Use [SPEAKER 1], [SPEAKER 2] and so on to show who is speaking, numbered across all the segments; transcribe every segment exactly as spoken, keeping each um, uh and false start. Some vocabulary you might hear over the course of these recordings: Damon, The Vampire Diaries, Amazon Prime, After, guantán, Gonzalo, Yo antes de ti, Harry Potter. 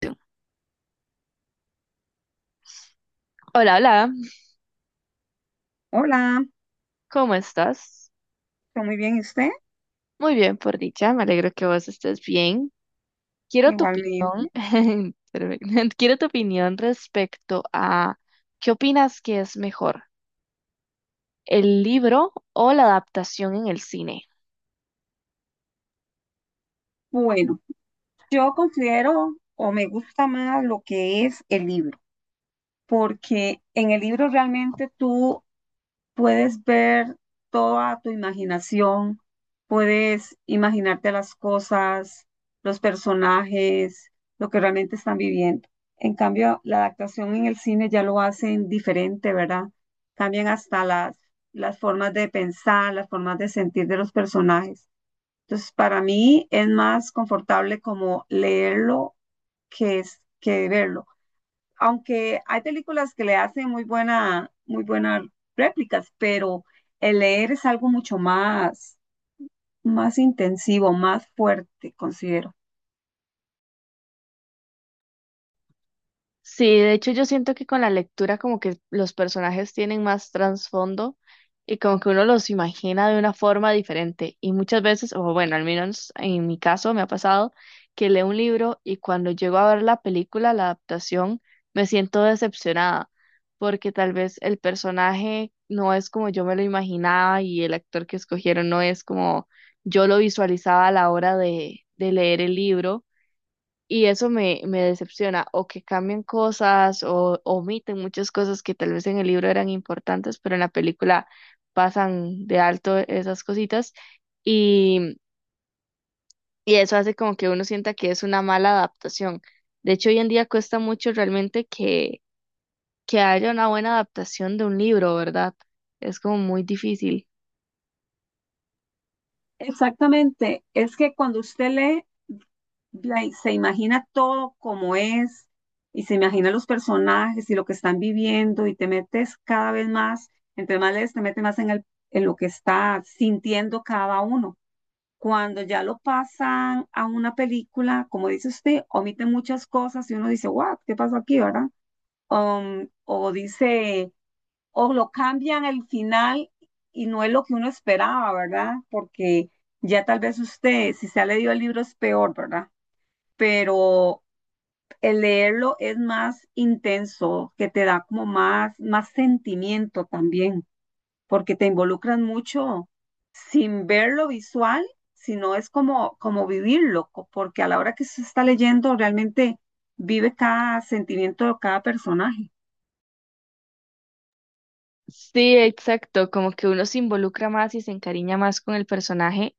[SPEAKER 1] Tú. Hola, hola,
[SPEAKER 2] Hola,
[SPEAKER 1] ¿cómo estás?
[SPEAKER 2] estoy muy bien, ¿y usted?
[SPEAKER 1] Muy bien, por dicha, me alegro que vos estés bien. Quiero tu
[SPEAKER 2] Igualmente.
[SPEAKER 1] opinión, espérame, quiero tu opinión respecto a qué opinas que es mejor, el libro o la adaptación en el cine.
[SPEAKER 2] Bueno, yo considero o me gusta más lo que es el libro, porque en el libro realmente tú puedes ver toda tu imaginación, puedes imaginarte las cosas, los personajes, lo que realmente están viviendo. En cambio, la adaptación en el cine ya lo hacen diferente, ¿verdad? Cambian hasta las, las formas de pensar, las formas de sentir de los personajes. Entonces, para mí es más confortable como leerlo que, es, que verlo. Aunque hay películas que le hacen muy buena, muy buenas réplicas, pero el leer es algo mucho más, más intensivo, más fuerte, considero.
[SPEAKER 1] Sí, de hecho yo siento que con la lectura como que los personajes tienen más trasfondo y como que uno los imagina de una forma diferente. Y muchas veces, o bueno, al menos en mi caso me ha pasado que leo un libro y cuando llego a ver la película, la adaptación, me siento decepcionada porque tal vez el personaje no es como yo me lo imaginaba y el actor que escogieron no es como yo lo visualizaba a la hora de, de leer el libro. Y eso me, me decepciona, o que cambian cosas, o omiten muchas cosas que tal vez en el libro eran importantes, pero en la película pasan de alto esas cositas, y, y eso hace como que uno sienta que es una mala adaptación. De hecho, hoy en día cuesta mucho realmente que, que haya una buena adaptación de un libro, ¿verdad? Es como muy difícil.
[SPEAKER 2] Exactamente, es que cuando usted lee de ahí se imagina todo como es y se imagina los personajes y lo que están viviendo y te metes cada vez más, entre más lees, te metes más en, el, en lo que está sintiendo cada uno. Cuando ya lo pasan a una película, como dice usted, omiten muchas cosas y uno dice, what, ¿qué pasó aquí, verdad? Um, o dice, o lo cambian el final y no es lo que uno esperaba, ¿verdad? Porque ya tal vez usted, si se ha leído el libro, es peor, ¿verdad? Pero el leerlo es más intenso, que te da como más, más sentimiento también, porque te involucran mucho sin ver lo visual, sino es como, como vivirlo, co- porque a la hora que se está leyendo realmente vive cada sentimiento de cada personaje.
[SPEAKER 1] Sí, exacto, como que uno se involucra más y se encariña más con el personaje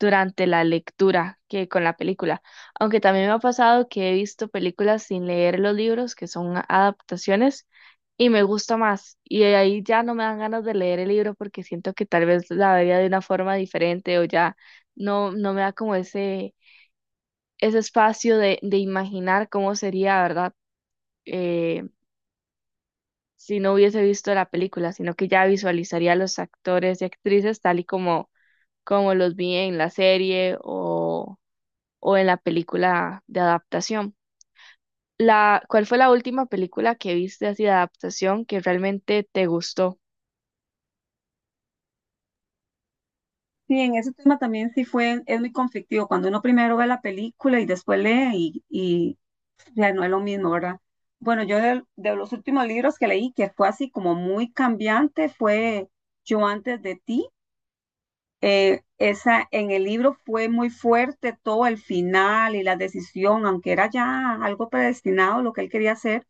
[SPEAKER 1] durante la lectura que con la película. Aunque también me ha pasado que he visto películas sin leer los libros, que son adaptaciones, y me gusta más. Y ahí ya no me dan ganas de leer el libro porque siento que tal vez la vería de una forma diferente o ya no, no me da como ese, ese espacio de, de imaginar cómo sería, ¿verdad? Eh, si no hubiese visto la película, sino que ya visualizaría a los actores y actrices tal y como, como los vi en la serie o o en la película de adaptación. La, ¿cuál fue la última película que viste así de adaptación que realmente te gustó? O
[SPEAKER 2] Sí, en ese tema también sí fue, es muy conflictivo, cuando uno primero ve la película y después lee y, sea, no es lo mismo, ¿verdad? Bueno, yo de, de los últimos libros que leí, que fue así como muy cambiante, fue Yo antes de ti. Eh, esa, en el libro fue muy fuerte todo el final y la decisión, aunque era ya algo predestinado lo que él quería hacer,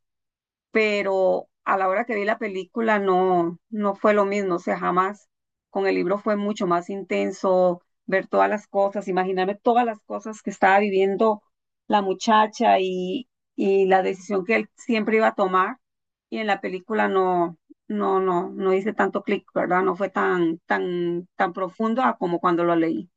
[SPEAKER 2] pero a la hora que vi la película no, no fue lo mismo, o sea, jamás. Con el libro fue mucho más intenso ver todas las cosas, imaginarme todas las cosas que estaba viviendo la muchacha y, y la decisión que él siempre iba a tomar. Y en la película no, no, no, no hice tanto clic, ¿verdad? No fue tan, tan, tan profundo a como cuando lo leí.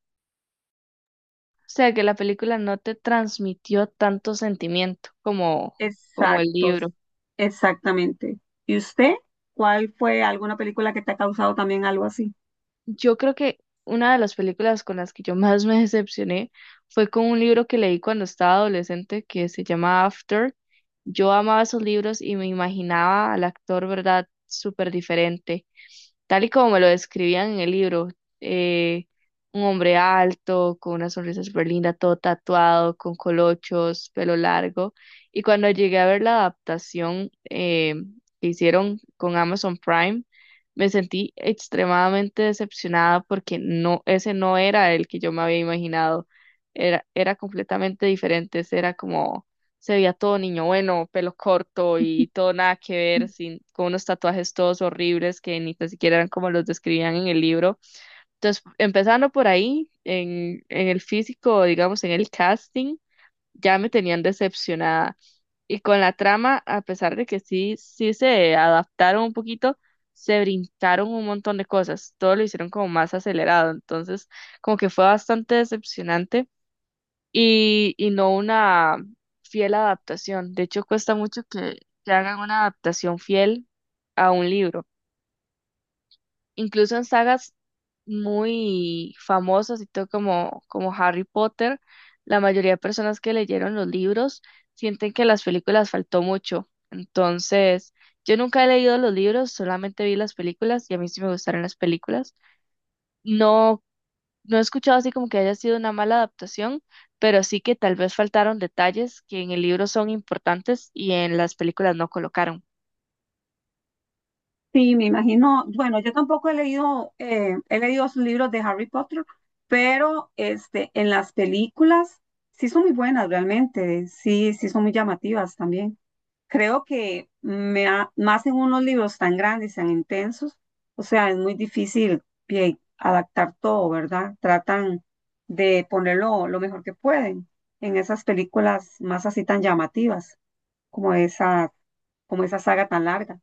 [SPEAKER 1] sea, que la película no te transmitió tanto sentimiento como, como el
[SPEAKER 2] Exactos,
[SPEAKER 1] libro.
[SPEAKER 2] exactamente. ¿Y usted? ¿Cuál fue alguna película que te ha causado también algo así?
[SPEAKER 1] Yo creo que una de las películas con las que yo más me decepcioné fue con un libro que leí cuando estaba adolescente que se llama After. Yo amaba esos libros y me imaginaba al actor, ¿verdad? Súper diferente tal y como me lo describían en el libro, eh, un hombre alto, con una sonrisa súper linda, todo tatuado, con colochos, pelo largo. Y cuando llegué a ver la adaptación eh, que hicieron con Amazon Prime, me sentí extremadamente decepcionada porque no, ese no era el que yo me había imaginado. Era, era completamente diferente, ese era como se veía todo niño bueno, pelo corto y todo nada que ver, sin, con unos tatuajes todos horribles que ni tan siquiera eran como los describían en el libro. Entonces, empezando por ahí, en, en el físico, digamos, en el casting, ya me tenían decepcionada. Y con la trama, a pesar de que sí, sí se adaptaron un poquito, se brincaron un montón de cosas, todo lo hicieron como más acelerado, entonces como que fue bastante decepcionante y, y no una fiel adaptación. De hecho, cuesta mucho que, que hagan una adaptación fiel a un libro. Incluso en sagas muy famosas y todo como, como Harry Potter, la mayoría de personas que leyeron los libros sienten que las películas faltó mucho. Entonces, yo nunca he leído los libros, solamente vi las películas y a mí sí me gustaron las películas. No no he escuchado así como que haya sido una mala adaptación, pero sí que tal vez faltaron detalles que en el libro son importantes y en las películas no colocaron.
[SPEAKER 2] Sí, me imagino. Bueno, yo tampoco he leído, eh, he leído sus libros de Harry Potter, pero este, en las películas sí son muy buenas realmente, sí, sí son muy llamativas también. Creo que me ha- más en unos libros tan grandes, tan intensos, o sea, es muy difícil pie- adaptar todo, ¿verdad? Tratan de ponerlo lo mejor que pueden en esas películas más así tan llamativas, como esa, como esa saga tan larga,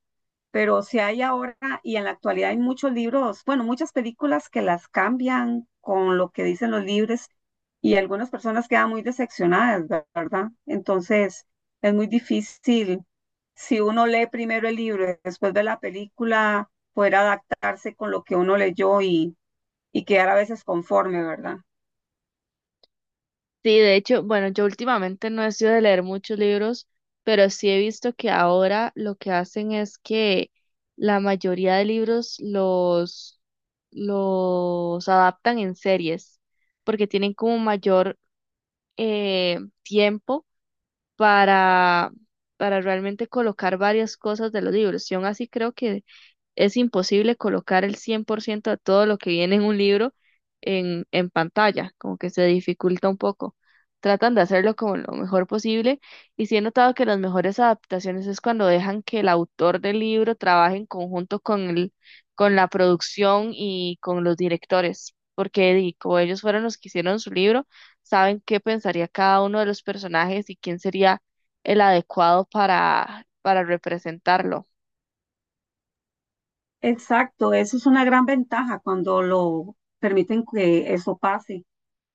[SPEAKER 2] pero si hay ahora y en la actualidad hay muchos libros, bueno, muchas películas que las cambian con lo que dicen los libros y algunas personas quedan muy decepcionadas, ¿verdad? Entonces es muy difícil si uno lee primero el libro y después ve la película, poder adaptarse con lo que uno leyó y, y quedar a veces conforme, ¿verdad?
[SPEAKER 1] Sí, de hecho, bueno, yo últimamente no he sido de leer muchos libros, pero sí he visto que ahora lo que hacen es que la mayoría de libros los, los adaptan en series, porque tienen como mayor eh, tiempo para, para realmente colocar varias cosas de los libros. Y aún así creo que es imposible colocar el cien por ciento de todo lo que viene en un libro en, en pantalla, como que se dificulta un poco. Tratan de hacerlo como lo mejor posible y sí he notado que las mejores adaptaciones es cuando dejan que el autor del libro trabaje en conjunto con el, con la producción y con los directores, porque di, como ellos fueron los que hicieron su libro, saben qué pensaría cada uno de los personajes y quién sería el adecuado para, para representarlo.
[SPEAKER 2] Exacto, eso es una gran ventaja cuando lo permiten que eso pase.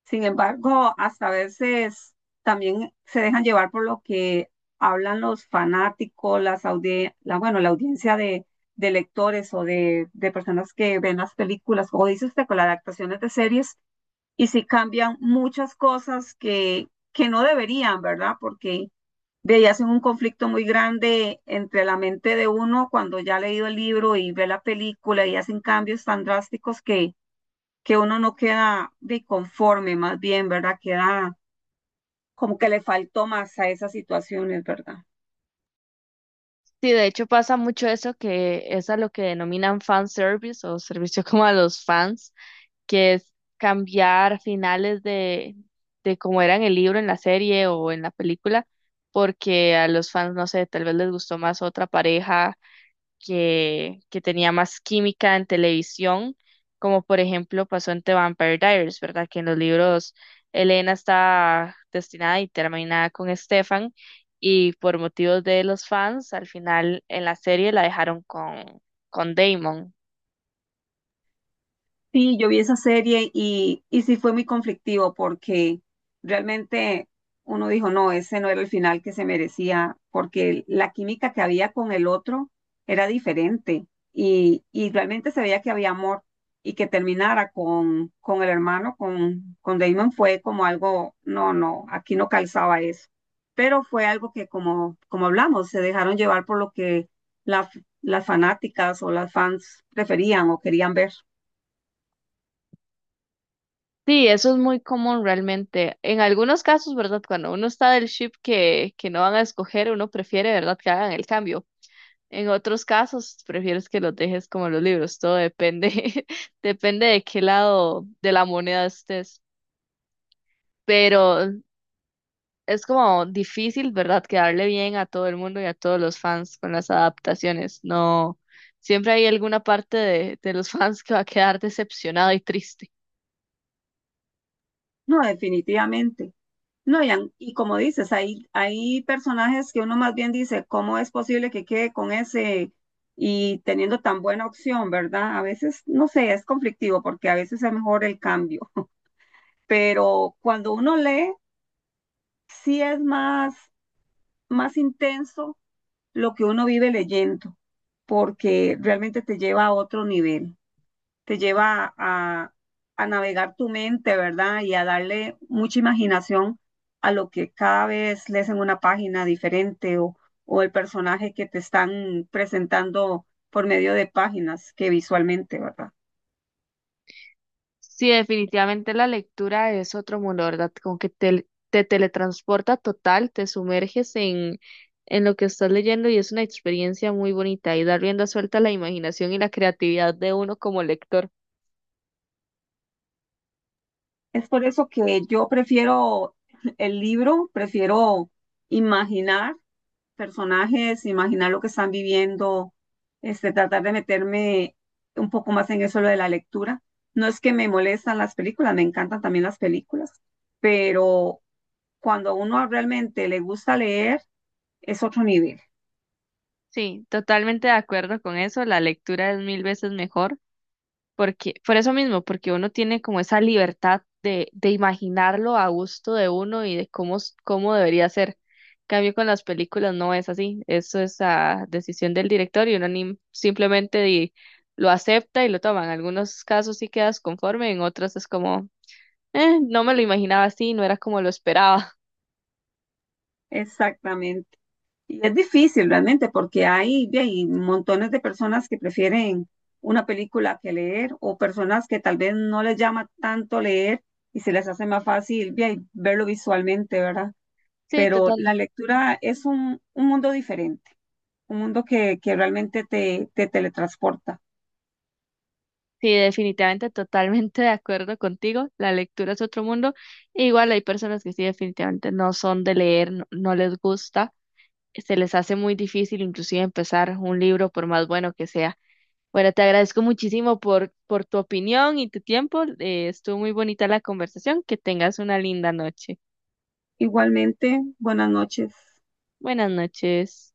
[SPEAKER 2] Sin embargo, hasta a veces también se dejan llevar por lo que hablan los fanáticos, las audi- la, bueno, la audiencia de, de lectores o de, de personas que ven las películas, como dice usted, con las adaptaciones de series, y si cambian muchas cosas que, que no deberían, ¿verdad? Porque de ahí hacen un conflicto muy grande entre la mente de uno cuando ya ha leído el libro y ve la película y hacen cambios tan drásticos que que uno no queda de conforme, más bien, ¿verdad? Queda como que le faltó más a esas situaciones, ¿verdad?
[SPEAKER 1] Sí, de hecho pasa mucho eso que es a lo que denominan fan service o servicio como a los fans, que es cambiar finales de, de cómo era en el libro, en la serie o en la película, porque a los fans, no sé, tal vez les gustó más otra pareja que, que tenía más química en televisión, como por ejemplo pasó en The Vampire Diaries, ¿verdad? Que en los libros Elena está destinada y terminada con Stefan y por motivos de los fans, al final en la serie la dejaron con, con Damon.
[SPEAKER 2] Sí, yo vi esa serie y, y sí fue muy conflictivo porque realmente uno dijo, no, ese no era el final que se merecía, porque la química que había con el otro era diferente y, y realmente se veía que había amor y que terminara con, con el hermano, con, con Damon fue como algo, no, no, aquí no calzaba eso, pero fue algo que como, como hablamos, se dejaron llevar por lo que la- las fanáticas o las fans preferían o querían ver.
[SPEAKER 1] Sí, eso es muy común realmente. En algunos casos, ¿verdad? Cuando uno está del ship que, que no van a escoger, uno prefiere, ¿verdad? Que hagan el cambio. En otros casos, prefieres que los dejes como los libros, todo depende, depende de qué lado de la moneda estés. Pero es como difícil, ¿verdad? Quedarle bien a todo el mundo y a todos los fans con las adaptaciones. No, siempre hay alguna parte de, de los fans que va a quedar decepcionada y triste.
[SPEAKER 2] No, definitivamente. No, y, an- y como dices, hay, hay personajes que uno más bien dice, ¿cómo es posible que quede con ese y teniendo tan buena opción, verdad? A veces, no sé, es conflictivo porque a veces es mejor el cambio, pero cuando uno lee, sí es más, más intenso lo que uno vive leyendo, porque realmente te lleva a otro nivel. Te lleva a, a navegar tu mente, ¿verdad? Y a darle mucha imaginación a lo que cada vez lees en una página diferente o, o el personaje que te están presentando por medio de páginas que visualmente, ¿verdad?
[SPEAKER 1] Sí, definitivamente la lectura es otro mundo, ¿verdad? Como que te, te teletransporta total, te sumerges en, en lo que estás leyendo y es una experiencia muy bonita y da rienda suelta a la imaginación y la creatividad de uno como lector.
[SPEAKER 2] Es por eso que yo prefiero el libro, prefiero imaginar personajes, imaginar lo que están viviendo, este, tratar de meterme un poco más en eso lo de la lectura. No es que me molestan las películas, me encantan también las películas, pero cuando a uno realmente le gusta leer, es otro nivel.
[SPEAKER 1] Sí, totalmente de acuerdo con eso, la lectura es mil veces mejor. Porque, por eso mismo, porque uno tiene como esa libertad de, de imaginarlo a gusto de uno y de cómo, s- cómo debería ser. En cambio, con las películas no es así. Eso es a decisión del director y uno ni- simplemente di- lo acepta y lo toma. En algunos casos sí quedas conforme, en otros es como, "Eh, no me lo imaginaba así, no era como lo esperaba".
[SPEAKER 2] Exactamente. Y es difícil realmente porque hay, ve, hay montones de personas que prefieren una película que leer o personas que tal vez no les llama tanto leer y se les hace más fácil ve, ahí, verlo visualmente, ¿verdad?
[SPEAKER 1] Sí,
[SPEAKER 2] Pero la
[SPEAKER 1] total.
[SPEAKER 2] lectura es un, un mundo diferente, un mundo que, que realmente te, te teletransporta.
[SPEAKER 1] Sí, definitivamente, totalmente de acuerdo contigo. La lectura es otro mundo. Igual hay personas que sí, definitivamente no son de leer, no no les gusta. Se les hace muy difícil inclusive empezar un libro por más bueno que sea. Bueno, te agradezco muchísimo por, por tu opinión y tu tiempo. Eh, estuvo muy bonita la conversación. Que tengas una linda noche.
[SPEAKER 2] Igualmente, buenas noches.
[SPEAKER 1] Buenas noches.